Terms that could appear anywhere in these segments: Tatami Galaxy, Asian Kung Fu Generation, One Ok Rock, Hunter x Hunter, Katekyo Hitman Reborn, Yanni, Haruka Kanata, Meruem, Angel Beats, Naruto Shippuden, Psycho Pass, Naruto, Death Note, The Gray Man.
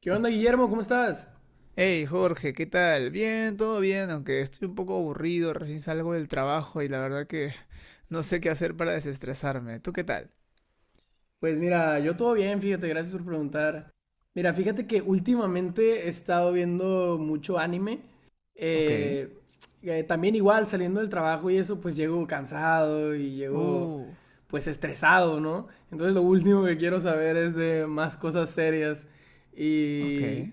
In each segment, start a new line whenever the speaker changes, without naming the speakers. ¿Qué onda, Guillermo? ¿Cómo estás?
Hey Jorge, ¿qué tal? Bien, todo bien, aunque estoy un poco aburrido, recién salgo del trabajo y la verdad que no sé qué hacer para desestresarme. ¿Tú qué tal?
Pues mira, yo todo bien, fíjate, gracias por preguntar. Mira, fíjate que últimamente he estado viendo mucho anime.
Ok.
eh, También igual saliendo del trabajo y eso, pues llego cansado y llego
Uh,
pues estresado, ¿no? Entonces lo último que quiero saber es de más cosas serias.
ok.
Y,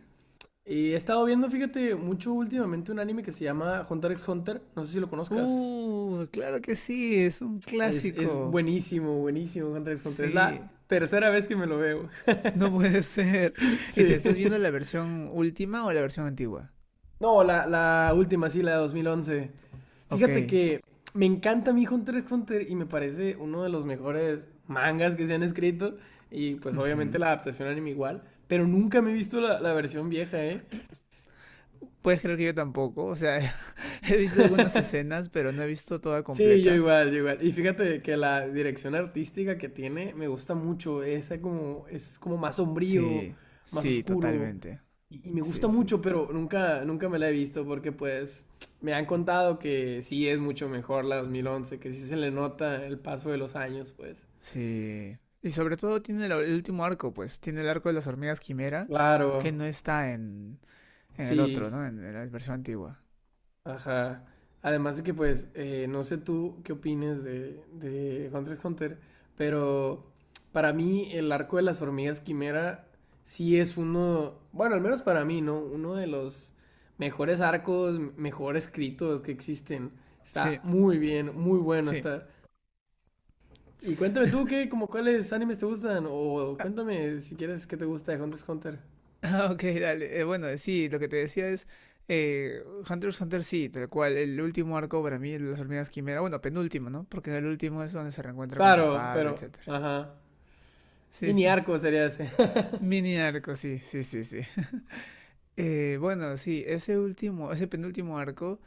y he estado viendo, fíjate, mucho últimamente un anime que se llama Hunter x Hunter. No sé si lo conozcas.
Claro que sí, es un
Es
clásico.
buenísimo, buenísimo Hunter x Hunter. Es la
Sí,
tercera vez que me lo veo.
no puede ser. ¿Y te
Sí.
estás viendo la versión última o la versión antigua?
No, la última, sí, la de 2011.
Ok.
Fíjate que me encanta mi Hunter x Hunter y me parece uno de los mejores mangas que se han escrito. Y pues obviamente
Ujú.
la adaptación anime igual. Pero nunca me he visto la versión vieja, ¿eh?
Puedes creer que yo tampoco, o sea, he visto algunas escenas, pero no he visto toda
Sí, yo
completa.
igual, yo igual. Y fíjate que la dirección artística que tiene me gusta mucho. Es como más sombrío,
Sí,
más
sí,
oscuro.
totalmente.
Y me gusta
Sí, sí,
mucho, pero nunca, nunca me la he visto porque pues me han contado que sí es mucho mejor la 2011, que sí se le nota el paso de los años, pues.
sí. Y sobre todo tiene el último arco, pues. Tiene el arco de las hormigas quimera,
Claro,
que no está en el otro,
sí.
¿no? En la versión antigua.
Ajá. Además de que, pues, no sé tú qué opines de Hunter x Hunter, pero para mí el arco de las hormigas quimera sí es uno, bueno, al menos para mí, ¿no? Uno de los mejores arcos, mejor escritos que existen. Está
Sí,
muy bien, muy bueno
sí.
está. Y cuéntame tú, ¿qué, como cuáles animes te gustan? O cuéntame si quieres qué te gusta de Hunter x Hunter.
Ah, ok, dale. Bueno, sí, lo que te decía es. Eh, Hunter x Hunter, sí, tal cual. El último arco para mí, el de las hormigas quimera. Bueno, penúltimo, ¿no? Porque en el último es donde se reencuentra con su
Claro, pero,
padre, etcétera.
ajá.
Sí,
Mini
sí.
arco sería ese.
Mini arco, sí, sí, sí, sí. Bueno, sí, ese penúltimo arco,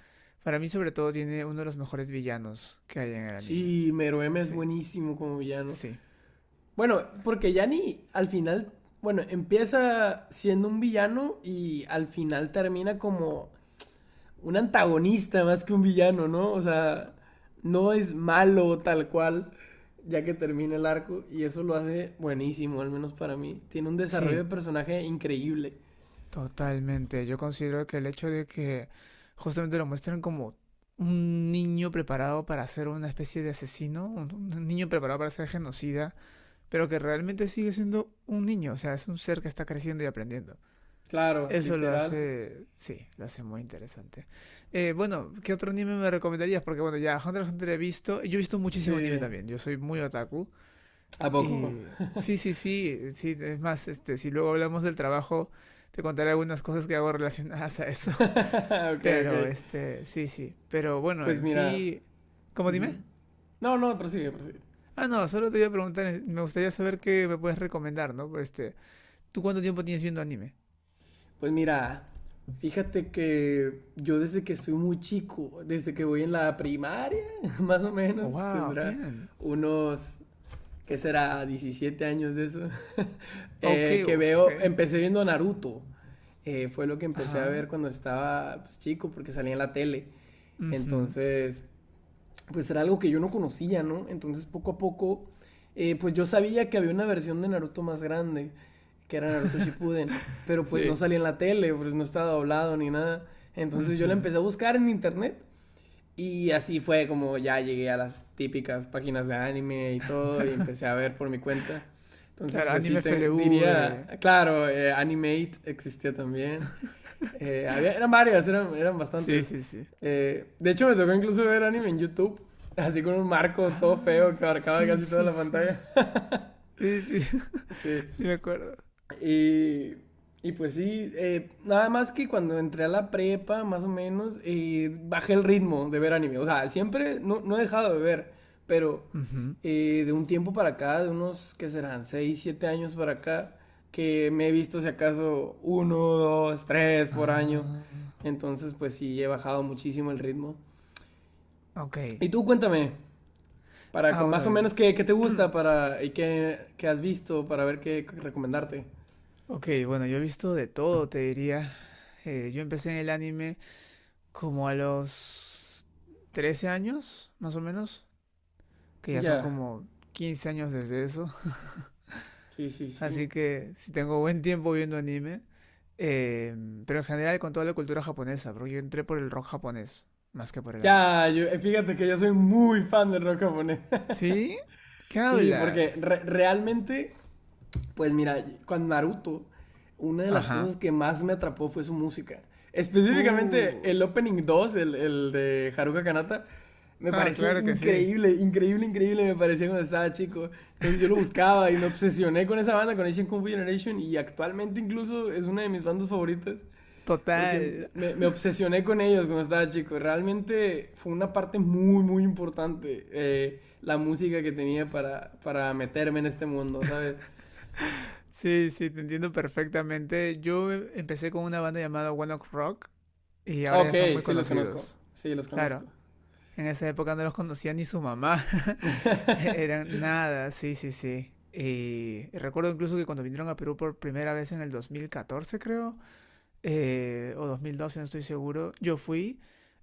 para mí sobre todo tiene uno de los mejores villanos que hay en el anime.
Sí, Meruem es
Sí,
buenísimo como villano.
sí,
Bueno, porque Yanni al final, bueno, empieza siendo un villano y al final termina como un antagonista más que un villano, ¿no? O sea, no es malo tal cual ya que termina el arco y eso lo hace buenísimo, al menos para mí. Tiene un desarrollo
sí,
de personaje increíble.
totalmente. Yo considero que el hecho de que justamente lo muestran como un niño preparado para ser una especie de asesino, un niño preparado para ser genocida, pero que realmente sigue siendo un niño, o sea, es un ser que está creciendo y aprendiendo.
Claro,
Eso lo
literal.
hace, sí, lo hace muy interesante. Bueno, ¿qué otro anime me recomendarías? Porque bueno, ya Hunter x Hunter he visto, yo he visto muchísimo anime
Sí.
también, yo soy muy otaku.
¿A poco?
Y sí, sí, sí, sí, es más, este, si luego hablamos del trabajo, te contaré algunas cosas que hago relacionadas a eso.
Ok,
Pero,
ok.
este, sí, sí, pero bueno,
Pues
en
mira.
sí, ¿cómo
Ujú.
dime?
No, no, prosigue, prosigue.
Ah, no, solo te iba a preguntar, me gustaría saber qué me puedes recomendar, ¿no? ¿Tú cuánto tiempo tienes viendo anime?
Pues mira, fíjate que yo desde que soy muy chico, desde que voy en la primaria, más o
Oh,
menos,
wow,
tendrá
bien.
unos, ¿qué será? 17 años de eso,
Ok,
que
ok.
veo, empecé viendo Naruto. Fue lo que empecé a
Ajá.
ver cuando estaba pues, chico, porque salía en la tele.
Ujú,
Entonces, pues era algo que yo no conocía, ¿no? Entonces poco a poco, pues yo sabía que había una versión de Naruto más grande, que era Naruto Shippuden, pero pues no
sí.
salía en la tele, pues no estaba doblado ni nada. Entonces yo la
Ujú.
empecé a buscar en internet y así fue como ya llegué a las típicas páginas de anime y todo y empecé a ver por mi cuenta. Entonces
Claro,
pues sí,
Anime F L
diría,
V.
claro, Animate existía también. Había, eran varias, eran
Sí,
bastantes.
sí, sí.
De hecho, me tocó incluso ver anime en YouTube, así con un marco todo feo que
Ah,
abarcaba
sí,
casi toda
sí,
la
sí.
pantalla.
Sí, sí, sí
Sí.
me acuerdo.
Y, y pues sí, nada más que cuando entré a la prepa, más o menos, bajé el ritmo de ver anime. O sea, siempre no, no he dejado de ver, pero
Ujú.
de un tiempo para acá, de unos, ¿qué serán? Seis 7 años para acá, que me he visto si acaso uno, dos, tres por año.
Ah,
Entonces, pues sí, he bajado muchísimo el ritmo.
ok.
Y tú cuéntame,
Ah,
más o
bueno.
menos qué, qué te gusta para, y qué, qué has visto para ver qué recomendarte.
Ok, bueno, yo he visto de todo, te diría. Yo empecé en el anime como a los 13 años, más o menos, que ya son
Ya.
como 15 años desde eso.
Sí, sí, sí.
Así que si tengo buen tiempo viendo anime, eh, pero en general con toda la cultura japonesa, porque yo entré por el rock japonés, más que por el anime.
Ya, yo, fíjate que yo soy muy fan del rock japonés.
¿Sí? ¿Qué
Sí, porque
hablas?
realmente, pues mira, con Naruto, una de las
Ajá.
cosas que más me atrapó fue su música. Específicamente
Uh.
el Opening 2 el de Haruka Kanata, me
Ah,
parece
claro que sí.
increíble, increíble, increíble, me parecía cuando estaba chico. Entonces yo lo buscaba y me obsesioné con esa banda, con Asian Kung Fu Generation, y actualmente incluso es una de mis bandas favoritas. Porque
Total.
obsesioné con ellos cuando estaba chico. Realmente fue una parte muy, muy importante la música que tenía para, meterme en este mundo, ¿sabes?
Sí, sí, te entiendo perfectamente. Yo empecé con una banda llamada One Ok Rock y
Ah,
ahora ya
Ok,
son muy
sí los conozco,
conocidos.
sí los
Claro,
conozco.
en esa época no los conocía ni su mamá. Eran nada, sí, sí, sí. Y recuerdo incluso que cuando vinieron a Perú por primera vez en el 2014 creo, o 2012 no estoy seguro, yo fui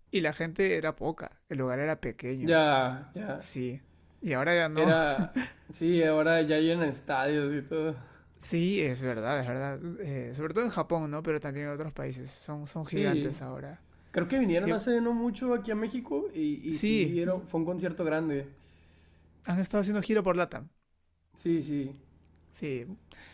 y la gente era poca, el lugar era pequeño,
Ya, ya.
sí. Y ahora ya no.
Era, sí, ahora ya llenan estadios y todo.
Sí, es verdad, es verdad. Sobre todo en Japón, ¿no? Pero también en otros países. Son
Sí,
gigantes ahora.
creo que vinieron
Sí,
hace no mucho aquí a México y
sí,
sí, era, fue un concierto grande.
han estado haciendo giro por LATAM.
Sí, sí.
Sí.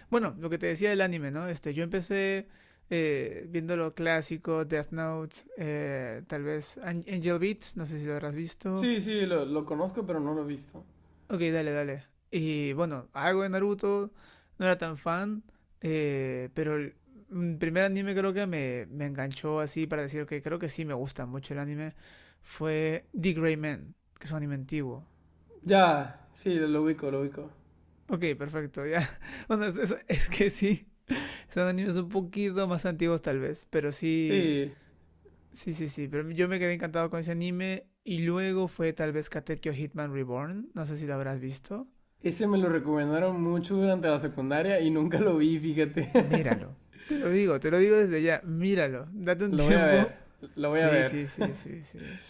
Bueno, lo que te decía del anime, ¿no? Este, yo empecé viendo lo clásico, Death Note, tal vez Angel Beats, no sé si lo habrás visto.
Sí, sí, lo conozco, pero no lo he visto.
Ok, dale, dale. Y bueno, algo de Naruto, no era tan fan, pero el primer anime creo que me enganchó así para decir que creo que sí me gusta mucho el anime fue The Gray Man, que es un anime antiguo.
Ya, sí, lo ubico, lo ubico.
Ok, perfecto, ya. Bueno, es que sí. Son animes un poquito más antiguos tal vez, pero sí,
Sí,
sí, sí, sí. Pero yo me quedé encantado con ese anime y luego fue tal vez Katekyo Hitman Reborn. No sé si lo habrás visto.
ese me lo recomendaron mucho durante la secundaria y nunca lo vi, fíjate.
Míralo. Te lo digo desde ya. Míralo. Date un
Lo voy a ver,
tiempo.
lo voy a
Sí,
ver.
sí, sí, sí, sí.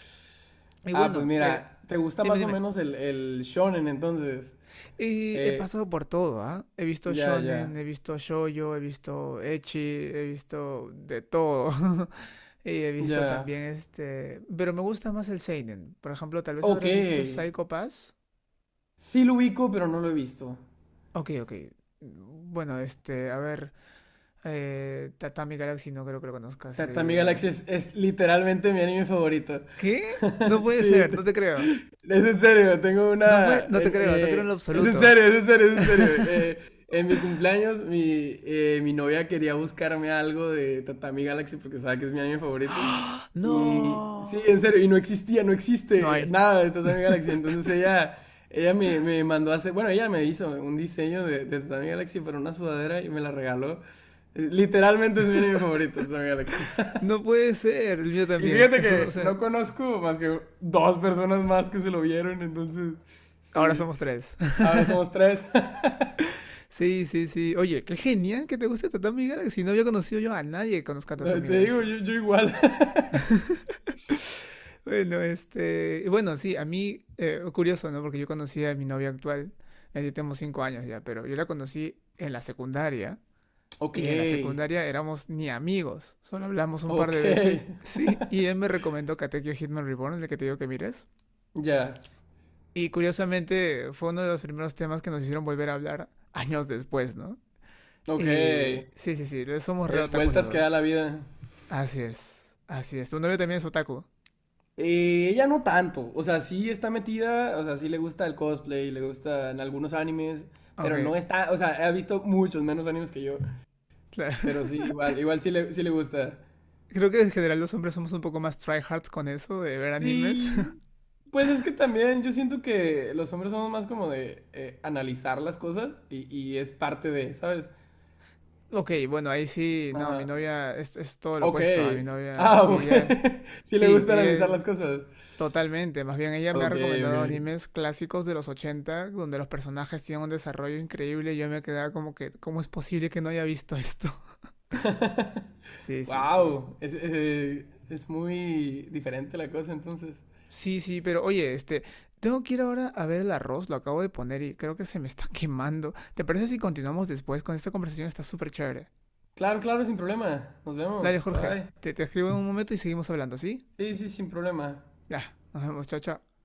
Y
Ah, pues
bueno,
mira,
dime,
¿te gusta más o
dime.
menos el shonen entonces?
Y he
Eh,
pasado por todo, ¿ah? He visto
ya, ya,
shonen, he visto shoujo, he visto ecchi, he visto de todo. Y he visto
ya.
también este... Pero me gusta más el seinen. Por ejemplo, tal vez
Ok.
habrás visto Psycho Pass.
Sí lo ubico, pero no lo he visto.
Ok, ok. Bueno, este, a ver... Tatami Galaxy no creo que lo conozcas.
Tatami Galaxy es literalmente mi anime favorito.
¿Qué? No puede
Sí.
ser, no te creo.
Es en serio, tengo
No
una.
puede... No te creo, no te creo en lo
Es en
absoluto.
serio, es en serio, es en serio. En mi cumpleaños, mi, mi novia quería buscarme algo de Tatami Galaxy porque sabe que es mi anime favorito. Y sí, en
No.
serio, y no existía, no
No
existe
hay.
nada de Tatami Galaxy. Entonces ella, me mandó a hacer, bueno, ella me hizo un diseño de Tatami Galaxy para una sudadera y me la regaló. Literalmente es mi anime favorito, Tatami Galaxy.
No puede ser, el mío
Y
también.
fíjate
Eso no,
que
sé.
no conozco más que dos personas más que se lo vieron, entonces,
Ahora
sí.
somos tres.
A ver, somos tres.
Sí, sí, sí. Oye, qué genial que te guste Tatami Galaxy. No había conocido yo a nadie que conozca
No,
Tatami
te digo,
Galaxy.
yo igual.
Bueno, este. Bueno, sí, a mí, curioso, ¿no? Porque yo conocí a mi novia actual. Ya tenemos 5 años ya, pero yo la conocí en la secundaria.
Ok,
Y en la secundaria éramos ni amigos. Solo hablamos un par
ok.
de veces. Sí, y él me recomendó Katekyo Hitman Reborn, el que te digo que mires.
Ya,
Y curiosamente fue uno de los primeros temas que nos hicieron volver a hablar años después, ¿no?
ok.
Y sí, sí, sí, somos re otakus los
Vueltas que da la
dos.
vida.
Así es, así es. Tu novio también es otaku.
Ella no tanto, o sea, sí está metida, o sea, sí le gusta el cosplay, le gustan algunos animes,
Ok,
pero no está, o sea, ha visto muchos menos animes que yo,
claro.
pero sí, igual, igual sí le gusta.
Creo que en general los hombres somos un poco más tryhards con eso de ver animes.
Sí, pues es que también yo siento que los hombres somos más como de analizar las cosas y es parte de, ¿sabes?
Ok, bueno, ahí sí, no, mi
Ajá.
novia es todo lo
Ok.
opuesto a mi novia.
Ah, ok. Sí le
Sí,
gusta analizar las
ella
cosas.
totalmente, más bien ella me ha
Ok, ok.
recomendado animes clásicos de los 80 donde los personajes tienen un desarrollo increíble y yo me quedaba como que, ¿cómo es posible que no haya visto esto? Sí, sí, sí.
Wow. Es muy diferente la cosa entonces.
Sí, sí, pero oye, este, tengo que ir ahora a ver el arroz, lo acabo de poner y creo que se me está quemando. ¿Te parece si continuamos después con esta conversación? Está súper chévere.
Claro, claro, sin problema. Nos
Dale,
vemos.
Jorge,
Bye.
te escribo en un momento y seguimos hablando, ¿sí?
Sí, sí, sin problema.
Ya, nos vemos, chao, chao.